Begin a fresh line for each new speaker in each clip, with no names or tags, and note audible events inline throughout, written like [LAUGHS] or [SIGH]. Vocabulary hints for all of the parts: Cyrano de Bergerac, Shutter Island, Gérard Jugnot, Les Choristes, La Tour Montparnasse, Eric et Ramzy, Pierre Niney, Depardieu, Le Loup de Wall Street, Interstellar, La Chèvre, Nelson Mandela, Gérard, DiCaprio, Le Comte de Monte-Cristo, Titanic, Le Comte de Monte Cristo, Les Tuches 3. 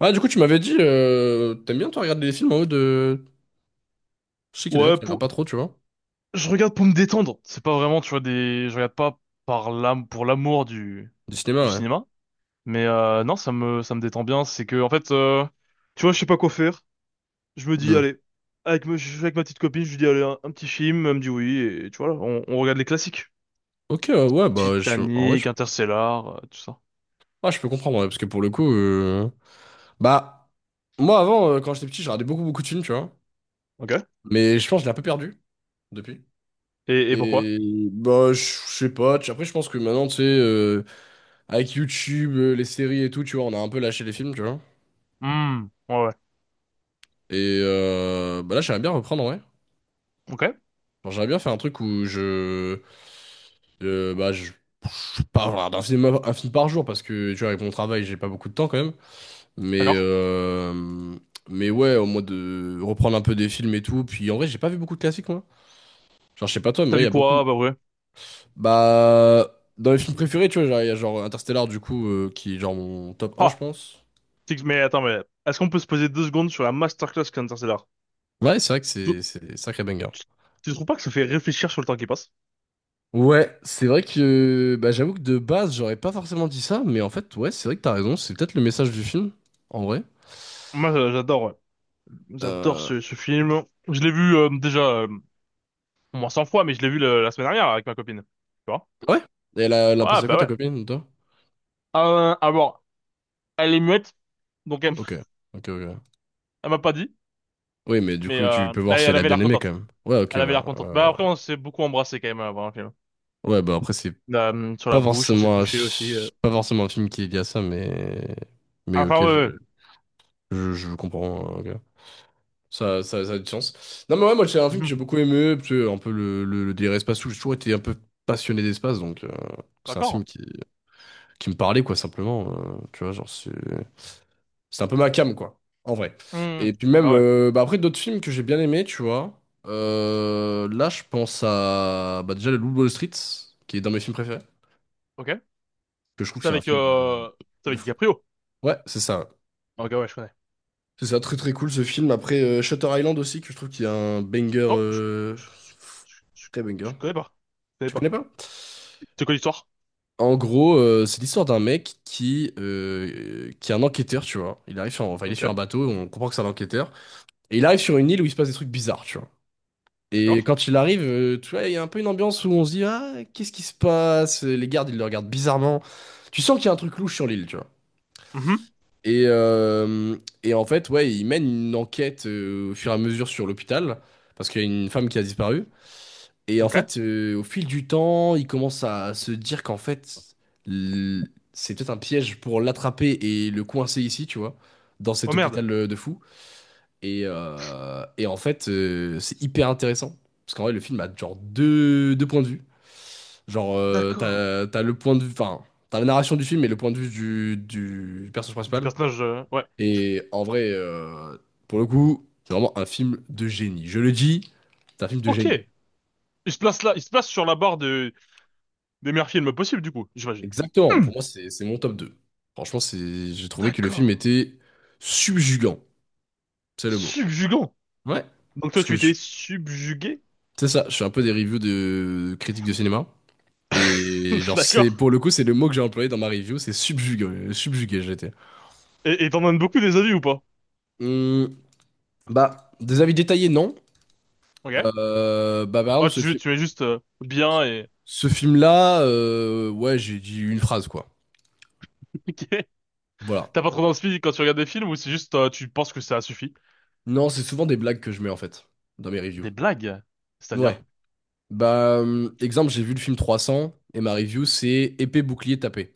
Ah, du coup, tu m'avais dit, t'aimes bien, toi, regarder des films en haut de. Je sais qu'il y a des gens
Ouais,
qui regardent pas trop, tu vois.
je regarde pour me détendre. C'est pas vraiment, tu vois, je regarde pas par l'âme, pour l'amour du...
Du
du
cinéma, ouais.
cinéma. Mais non, ça me détend bien. C'est que, en fait, tu vois, je sais pas quoi faire. Je me dis,
Hmm.
allez, je suis avec ma petite copine, je lui dis, allez, un petit film. Elle me dit oui. Et tu vois, là, on regarde les classiques.
Ok, ouais, bah, en vrai, je.
Titanic, Interstellar, tout ça.
Ah, je peux comprendre, ouais, parce que pour le coup. Bah, moi, avant, quand j'étais petit, je regardais beaucoup, beaucoup de films, tu vois.
Ok.
Mais je pense que je l'ai un peu perdu depuis.
Et pourquoi?
Et bah, je sais pas. Après, je pense que maintenant, tu sais, avec YouTube, les séries et tout, tu vois, on a un peu lâché les films, tu vois.
Hmm, ouais, ouais.
Et bah là, j'aimerais bien reprendre, ouais.
Ok,
Genre, j'aimerais bien faire un truc où je. Bah, je sais pas, voilà, un film par jour parce que tu vois, avec mon travail, j'ai pas beaucoup de temps quand même. Mais,
d'accord.
euh, mais ouais, au moins de reprendre un peu des films et tout. Puis en vrai, j'ai pas vu beaucoup de classiques, moi. Genre, je sais pas toi, mais
T'as
moi, il y
vu
a beaucoup.
quoi? Bah ouais.
Bah, dans les films préférés, tu vois, genre, il y a genre Interstellar, du coup, qui est genre mon top un, je
Ah,
pense.
Mais attends, mais est-ce qu'on peut se poser deux secondes sur la masterclass qu'est Interstellar?
Ouais, c'est vrai que c'est sacré banger.
Tu tu trouves pas que ça fait réfléchir sur le temps qui passe?
Ouais, c'est vrai que bah, j'avoue que de base, j'aurais pas forcément dit ça, mais en fait, ouais, c'est vrai que t'as raison, c'est peut-être le message du film, en vrai.
Moi, j'adore, ouais. J'adore
Euh,
ce film. Je l'ai vu déjà au moins 100 fois, mais je l'ai vu la semaine dernière avec ma copine. Tu vois?
Ouais? Et elle a
Ouais,
pensé quoi,
bah
ta
ouais.
copine, toi?
Alors, elle est muette, donc elle,
Ok,
[LAUGHS]
ok, ok.
elle m'a pas dit,
Oui, mais du
mais
coup, tu peux voir
elle,
si
elle
elle a
avait
bien
l'air
aimé quand
contente.
même. Ouais, ok,
Elle avait
ouais.
l'air contente. Bah après, on s'est beaucoup embrassé quand même avant le film.
Ouais, bah après, c'est
Sur la bouche, on s'est touché aussi.
pas forcément un film qui est lié à ça, mais.
Ah,
Mais
enfin,
ok,
ouais,
je,
ouais.
je, je comprends. Ok. Ça a du sens. Non, mais ouais, moi, c'est un film que
Mhm.
j'ai beaucoup aimé, parce que un peu le délire espace où j'ai toujours été un peu passionné d'espace, donc
[LAUGHS]
c'est un film
D'accord.
qui me parlait, quoi, simplement. Tu vois, genre, C'est un peu ma cam, quoi, en vrai. Et
Mhm.
puis
Bah
même,
ouais.
bah après, d'autres films que j'ai bien aimés, tu vois. Là, je pense à bah déjà Le Loup de Wall Street, qui est dans mes films préférés,
Ok.
que je trouve que
C'est
c'est un
avec,
film
euh, c'est
de
avec
fou.
DiCaprio.
Ouais, c'est ça.
Ok, ouais, je connais.
C'est ça, très très cool ce film. Après, Shutter Island aussi, que je trouve qu'il y a un banger,
Oh, je, je, je-
très banger.
je connais pas. Je connais
Tu connais
pas.
pas?
C'est quoi l'histoire?
En gros, c'est l'histoire d'un mec qui est un enquêteur, tu vois. Il arrive sur, enfin, il est
Ok,
sur un bateau, on comprend que c'est un enquêteur. Et il arrive sur une île où il se passe des trucs bizarres, tu vois. Et
d'accord.
quand il arrive, tu vois, il y a un peu une ambiance où on se dit, ah, qu'est-ce qui se passe? Les gardes, ils le regardent bizarrement. Tu sens qu'il y a un truc louche sur l'île, tu vois.
Mhm,
Et, euh, et en fait, ouais, ils mènent une enquête au fur et à mesure sur l'hôpital, parce qu'il y a une femme qui a disparu. Et en
ok.
fait, au fil du temps, ils commencent à se dire qu'en fait, c'est peut-être un piège pour l'attraper et le coincer ici, tu vois, dans
Oh
cet
merde.
hôpital de fou. Et en fait, c'est hyper intéressant. Parce qu'en vrai, le film a genre deux points de vue. Genre,
D'accord.
t'as le point de vue, enfin, t'as la narration du film et le point de vue du personnage
Du
principal.
personnage, ouais.
Et en vrai, pour le coup, c'est vraiment un film de génie. Je le dis, c'est un film de
Ok.
génie.
Il se place là, il se place sur la barre des meilleurs films possibles, du coup, j'imagine.
Exactement,
Hmm,
pour moi, c'est mon top deux. Franchement, j'ai trouvé que le
d'accord.
film était subjugant, c'est le mot.
Subjugant.
Ouais.
Donc toi,
Parce que
tu
je-
étais subjugué?
c'est ça, je fais un peu des reviews de critiques de cinéma. Et
[LAUGHS]
genre,
D'accord.
c'est pour le coup, c'est le mot que j'ai employé dans ma review, c'est subjugué, subjugué j'étais.
Et t'en donnes beaucoup des avis ou pas?
Hum, Bah, des avis détaillés, non.
Ok.
Bah, par
Ouais,
exemple,
tu, tu es juste bien et...
ce film-là, ouais, j'ai dit une phrase, quoi.
[LAUGHS] Ok.
Voilà.
T'as pas trop d'inspi quand tu regardes des films ou c'est juste tu penses que ça suffit?
Non, c'est souvent des blagues que je mets, en fait, dans mes reviews.
Des blagues,
Ouais.
c'est-à-dire?
Bah, exemple, j'ai vu le film 300, et ma review, c'est épée, bouclier, tapé.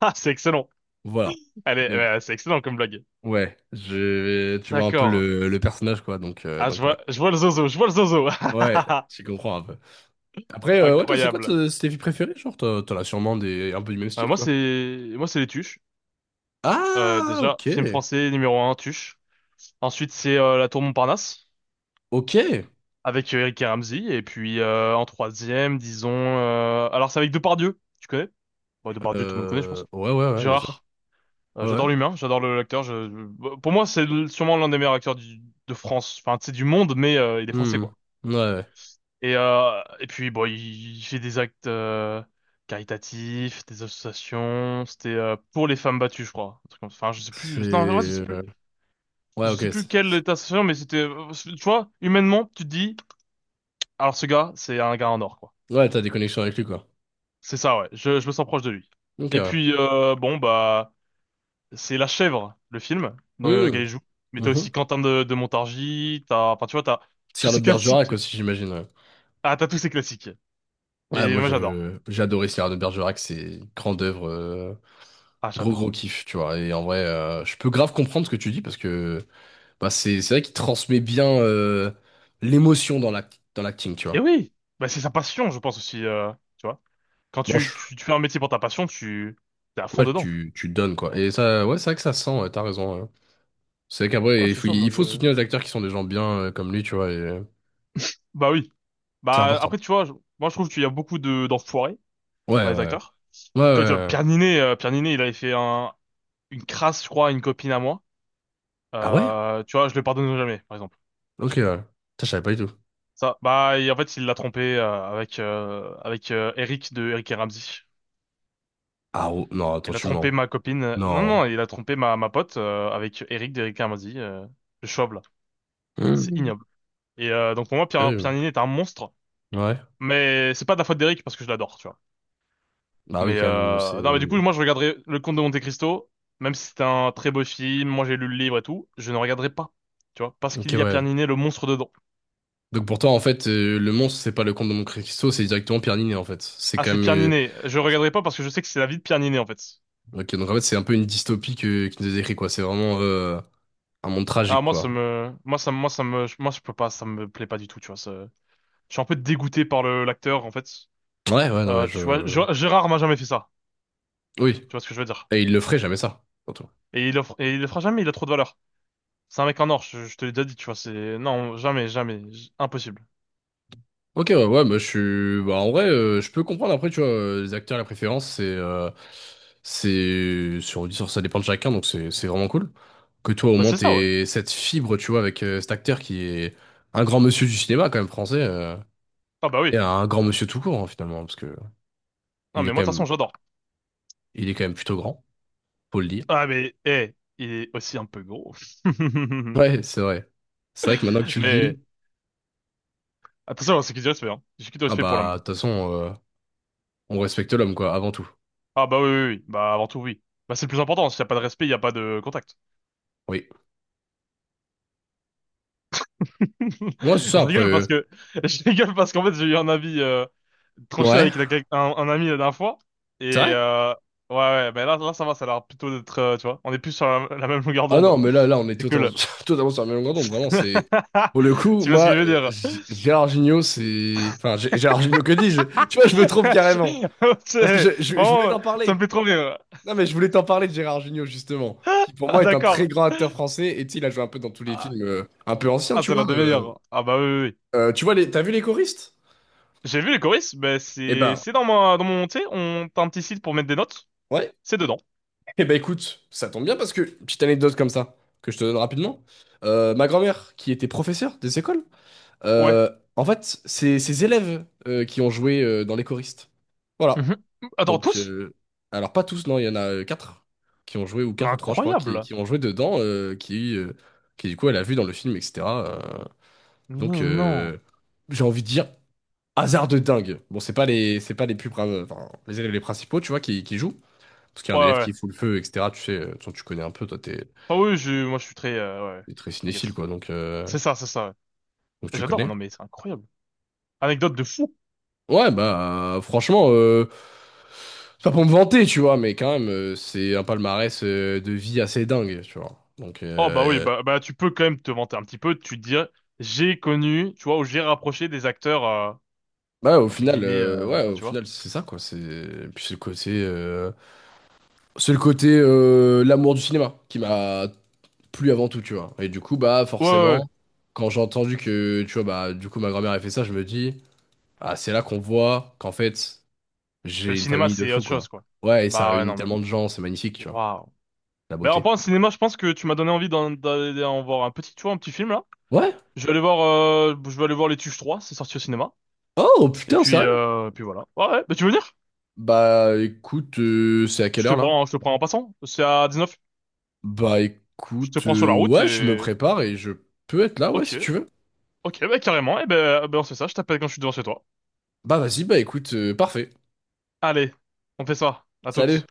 Ah, c'est excellent.
Voilà.
Allez,
Donc,
c'est excellent comme blague.
ouais, tu vois un peu
D'accord.
le personnage, quoi, donc, euh,
Ah,
donc ouais.
je vois le zozo, je vois le zozo.
Ouais, tu comprends un peu. Après,
[LAUGHS]
ouais, toi, c'est quoi
Incroyable.
tes vies préférées? Genre, t'en as sûrement des, un peu du même
Euh,
style,
moi,
quoi.
c'est, moi, c'est les Tuches. Euh,
Ah,
déjà, film
ok.
français numéro un, Tuches. Ensuite, c'est La Tour Montparnasse
Ok.
avec Eric et Ramzy. Et puis, en troisième, disons, alors c'est avec Depardieu. Tu connais? Bon, Depardieu, tout le monde connaît, je pense.
Ouais, ouais, ouais, bien sûr.
Gérard. Euh,
Ouais, ouais.
j'adore l'humain, j'adore l'acteur. Pour moi, c'est sûrement l'un des meilleurs acteurs de France. Enfin, c'est du monde, mais il est français,
Hmm.
quoi.
Ouais, ouais.
Et puis, bon, il fait des actes caritatifs, des associations. C'était pour les femmes battues, je crois. Un truc comme ça. Enfin, je sais plus. Non, en vrai, je sais
c'est...
plus.
Ouais,
Je
ok.
sais plus quelle était association, mais c'était. Tu vois, humainement, tu te dis, alors ce gars, c'est un gars en or, quoi.
Ouais, t'as des connexions avec lui, quoi.
C'est ça, ouais. Je me sens proche de lui.
Ok,
Et
ouais.
puis, bon, bah, c'est La Chèvre, le film, dans lequel
Hmm.
il joue. Mais t'as
Mhm.
aussi Quentin de Montargis. T'as, enfin, tu vois, t'as tous
Cyrano
ces
de
classiques.
Bergerac aussi, j'imagine, ouais.
Ah, t'as tous ces classiques.
Ouais,
Et
moi,
moi, j'adore.
j'ai adoré Cyrano de Bergerac, c'est une grande œuvre.
Ah,
Gros, gros
j'adore.
kiff, tu vois. Et en vrai, je peux grave comprendre ce que tu dis, parce que. Bah, c'est vrai qu'il transmet bien l'émotion dans dans l'acting, tu
Et
vois.
oui, bah, c'est sa passion, je pense aussi, tu vois. Quand
Bon,
tu,
je-
tu, tu fais un métier pour ta passion, tu t'es à fond
ouais,
dedans.
tu donnes, quoi. Et ça, ouais, c'est vrai que ça sent, ouais, t'as raison. Ouais. C'est vrai
Ouais,
qu'après,
c'est ça, moi
il faut
je...
soutenir les acteurs qui sont des gens bien comme lui, tu vois. et, euh,
Bah oui.
c'est
Bah
important.
après, tu vois, moi je trouve qu'il y a beaucoup de d'enfoirés
Ouais, ouais.
dans les
Ouais,
acteurs.
ouais. Ouais,
Que, tu vois,
ouais.
Pierre Ninet, il avait fait une crasse, je crois, à une copine à moi.
Ah ouais?
Tu vois, je le pardonne jamais, par exemple.
Ok, ouais. Putain, je savais pas du tout.
Ça, bah et en fait, il l'a trompé avec Eric de Eric et Ramzy.
Ah oh, non, attends,
Il a
tu
trompé
mens.
ma copine. Non,
Non.
non, il a trompé ma pote avec Eric d'Eric et Ramzy, le Schwab, là. C'est
Mhm.
ignoble. Et donc pour moi, Pierre
Terrible.
Niney est un monstre.
Ouais.
Mais c'est pas de la faute d'Eric parce que je l'adore, tu vois.
Bah oui,
Mais
quand même, c'est...
non, mais du coup, moi je regarderai Le Comte de Monte-Cristo, même si c'était un très beau film, moi j'ai lu le livre et tout, je ne regarderai pas, tu vois, parce
Ok,
qu'il y a Pierre
ouais.
Niney, le monstre dedans.
Donc pour toi, en fait, le monstre, c'est pas le comte de Monte Cristo, c'est directement Pierre Niney, en fait. C'est
Ah,
quand
c'est
même...
Pierre
euh,
Niney. Je regarderai pas parce que je sais que c'est la vie de Pierre Niney en fait.
Ok, donc en fait, c'est un peu une dystopie que, qui nous est décrit, quoi. C'est vraiment un monde
Ah
tragique,
moi ça
quoi.
me, moi ça me, moi je peux pas, ça me plaît pas du tout, tu vois. Je suis un peu dégoûté par le l'acteur en fait.
Ouais, ouais, non, mais
Tu vois,
je.
Gérard m'a jamais fait ça,
Oui.
tu vois ce que je veux dire.
Et il le ferait jamais ça, surtout.
Et il le fera jamais, il a trop de valeur. C'est un mec en or, je te l'ai déjà dit, tu vois, Non, jamais, jamais, impossible.
Ok, ouais, ouais, mais je suis. Bah, en vrai, je peux comprendre après, tu vois, les acteurs, la préférence, Ça dépend de chacun, donc c'est vraiment cool. Que toi, au
Bah
moins,
c'est ça, ouais.
t'aies cette fibre, tu vois, avec cet acteur qui est un grand monsieur du cinéma, quand même, français.
Ah bah oui.
Et un grand monsieur tout court, hein, finalement, parce que
Non,
il est
mais moi, de
quand
toute façon,
même,
j'adore.
il est quand même plutôt grand, faut le dire.
Ah mais, eh, il est aussi un peu gros. [LAUGHS]
Ouais, c'est vrai. C'est vrai que maintenant que tu le
Mais,
dis,
attention, hein, c'est qui du respect, hein. J'ai qui du
ah
respect pour
bah, de
l'homme.
toute façon, on respecte l'homme, quoi, avant tout.
Ah bah oui, oui, oui. Bah avant tout, oui. Bah c'est le plus important, s'il n'y a pas de respect, il n'y a pas de contact.
Oui. Ouais, c'est
[LAUGHS]
ça,
Je
après.
rigole parce que, [LAUGHS] je rigole parce qu'en fait, j'ai eu un avis tranché
Ouais.
avec un ami la dernière fois.
C'est
Et,
vrai?
ouais, ouais, bah là, là, ça va, ça a l'air plutôt d'être, tu vois, on est plus sur la même longueur
Ah
d'onde.
non, mais là, là, on est
C'est
totalement,
cool.
[LAUGHS] totalement sur la même longueur d'onde, vraiment, c'est.
[LAUGHS]
Pour le coup,
Tu vois ce que je
moi,
veux dire? [LAUGHS]
Gérard Jugnot, c'est. Enfin, Gérard Jugnot, que dis-je? [LAUGHS] Tu vois, je me
Je-
trompe
C'est-
carrément. Parce que je voulais
Vraiment,
t'en
ça me
parler.
fait trop rire.
Non, mais je voulais t'en parler de Gérard Jugnot, justement. Qui, pour
Ah,
moi, est un très
d'accord.
grand acteur français. Et tu sais, il a joué un peu dans tous les
Ah,
films un peu anciens,
ah,
tu
c'est l'un
vois.
des meilleurs. Ah bah oui, oui, oui.
Tu vois, t'as vu Les Choristes?
J'ai vu Les Choristes, mais
Eh
c'est
ben.
c'est dans mon tu sais, on t'as un petit site pour mettre des notes.
Ouais.
C'est dedans.
Eh ben écoute, ça tombe bien parce que, petite anecdote comme ça, que je te donne rapidement, ma grand-mère, qui était professeure des écoles,
Ouais.
euh, en fait, c'est ses élèves qui ont joué dans les Choristes. Voilà.
Mhm. Attends,
Donc,
tous?
alors pas tous, non, il y en a 4 qui ont joué, ou
Mais
4 ou 3, je crois, qui,
incroyable.
qui ont joué dedans, qui du coup, elle a vu dans le film, etc. euh, donc,
Mais non.
j'ai envie de dire, hasard de dingue. Bon, c'est pas les plus, enfin, les élèves les principaux, tu vois, qui jouent, parce qu'il y a
Ouais,
un élève
ouais.
qui fout le feu, etc. Tu sais, de toute tu connais un peu, toi,
Ah oui, je moi je suis très ouais.
t'es très cinéphile,
T'inquiète.
quoi, donc, euh,
C'est ça, c'est ça. Ouais.
donc tu
J'adore.
connais.
Non mais c'est incroyable. Anecdote de fou.
Ouais, bah, franchement, c'est pas pour me vanter, tu vois, mais quand même, c'est un palmarès de vie assez dingue, tu vois. Donc,
Oh bah oui, bah tu peux quand même te vanter un petit peu, tu te dis j'ai connu, tu vois, ou j'ai rapproché des acteurs
bah, au
entre
final,
guillemets,
ouais,
enfin
au
tu vois.
final, c'est ça, quoi. C'est puis c'est le côté l'amour du cinéma qui m'a plu avant tout, tu vois. Et du coup, bah,
Ouais, ouais, ouais.
forcément, quand j'ai entendu que, tu vois, bah, du coup, ma grand-mère a fait ça, je me dis, ah, c'est là qu'on voit qu'en fait.
Le
J'ai une
cinéma
famille de
c'est
fous,
autre
quoi.
chose quoi.
Ouais, et ça
Bah ouais
réunit
non mais
tellement de gens, c'est magnifique, tu vois.
waouh.
La
Bah en
beauté.
parlant de cinéma, je pense que tu m'as donné envie d'aller en voir un petit, tu vois, un petit film là.
Ouais.
Je vais aller voir Les Tuches 3, c'est sorti au cinéma.
Oh,
Et
putain,
puis
sérieux?
euh, puis voilà. Ouais, ouais. Bah tu veux venir?
Bah, écoute, c'est à quelle
Je te
heure, là?
prends, je te prends en passant. C'est à 19.
Bah,
Je te
écoute,
prends sur la route
ouais, je me
et
prépare et je peux être là, ouais,
ok,
si tu veux.
ok, bah carrément. Et ben ben on fait ça. Je t'appelle quand je suis devant chez toi.
Bah, vas-y, bah, écoute, parfait.
Allez, on fait ça. À
Salut.
toutes.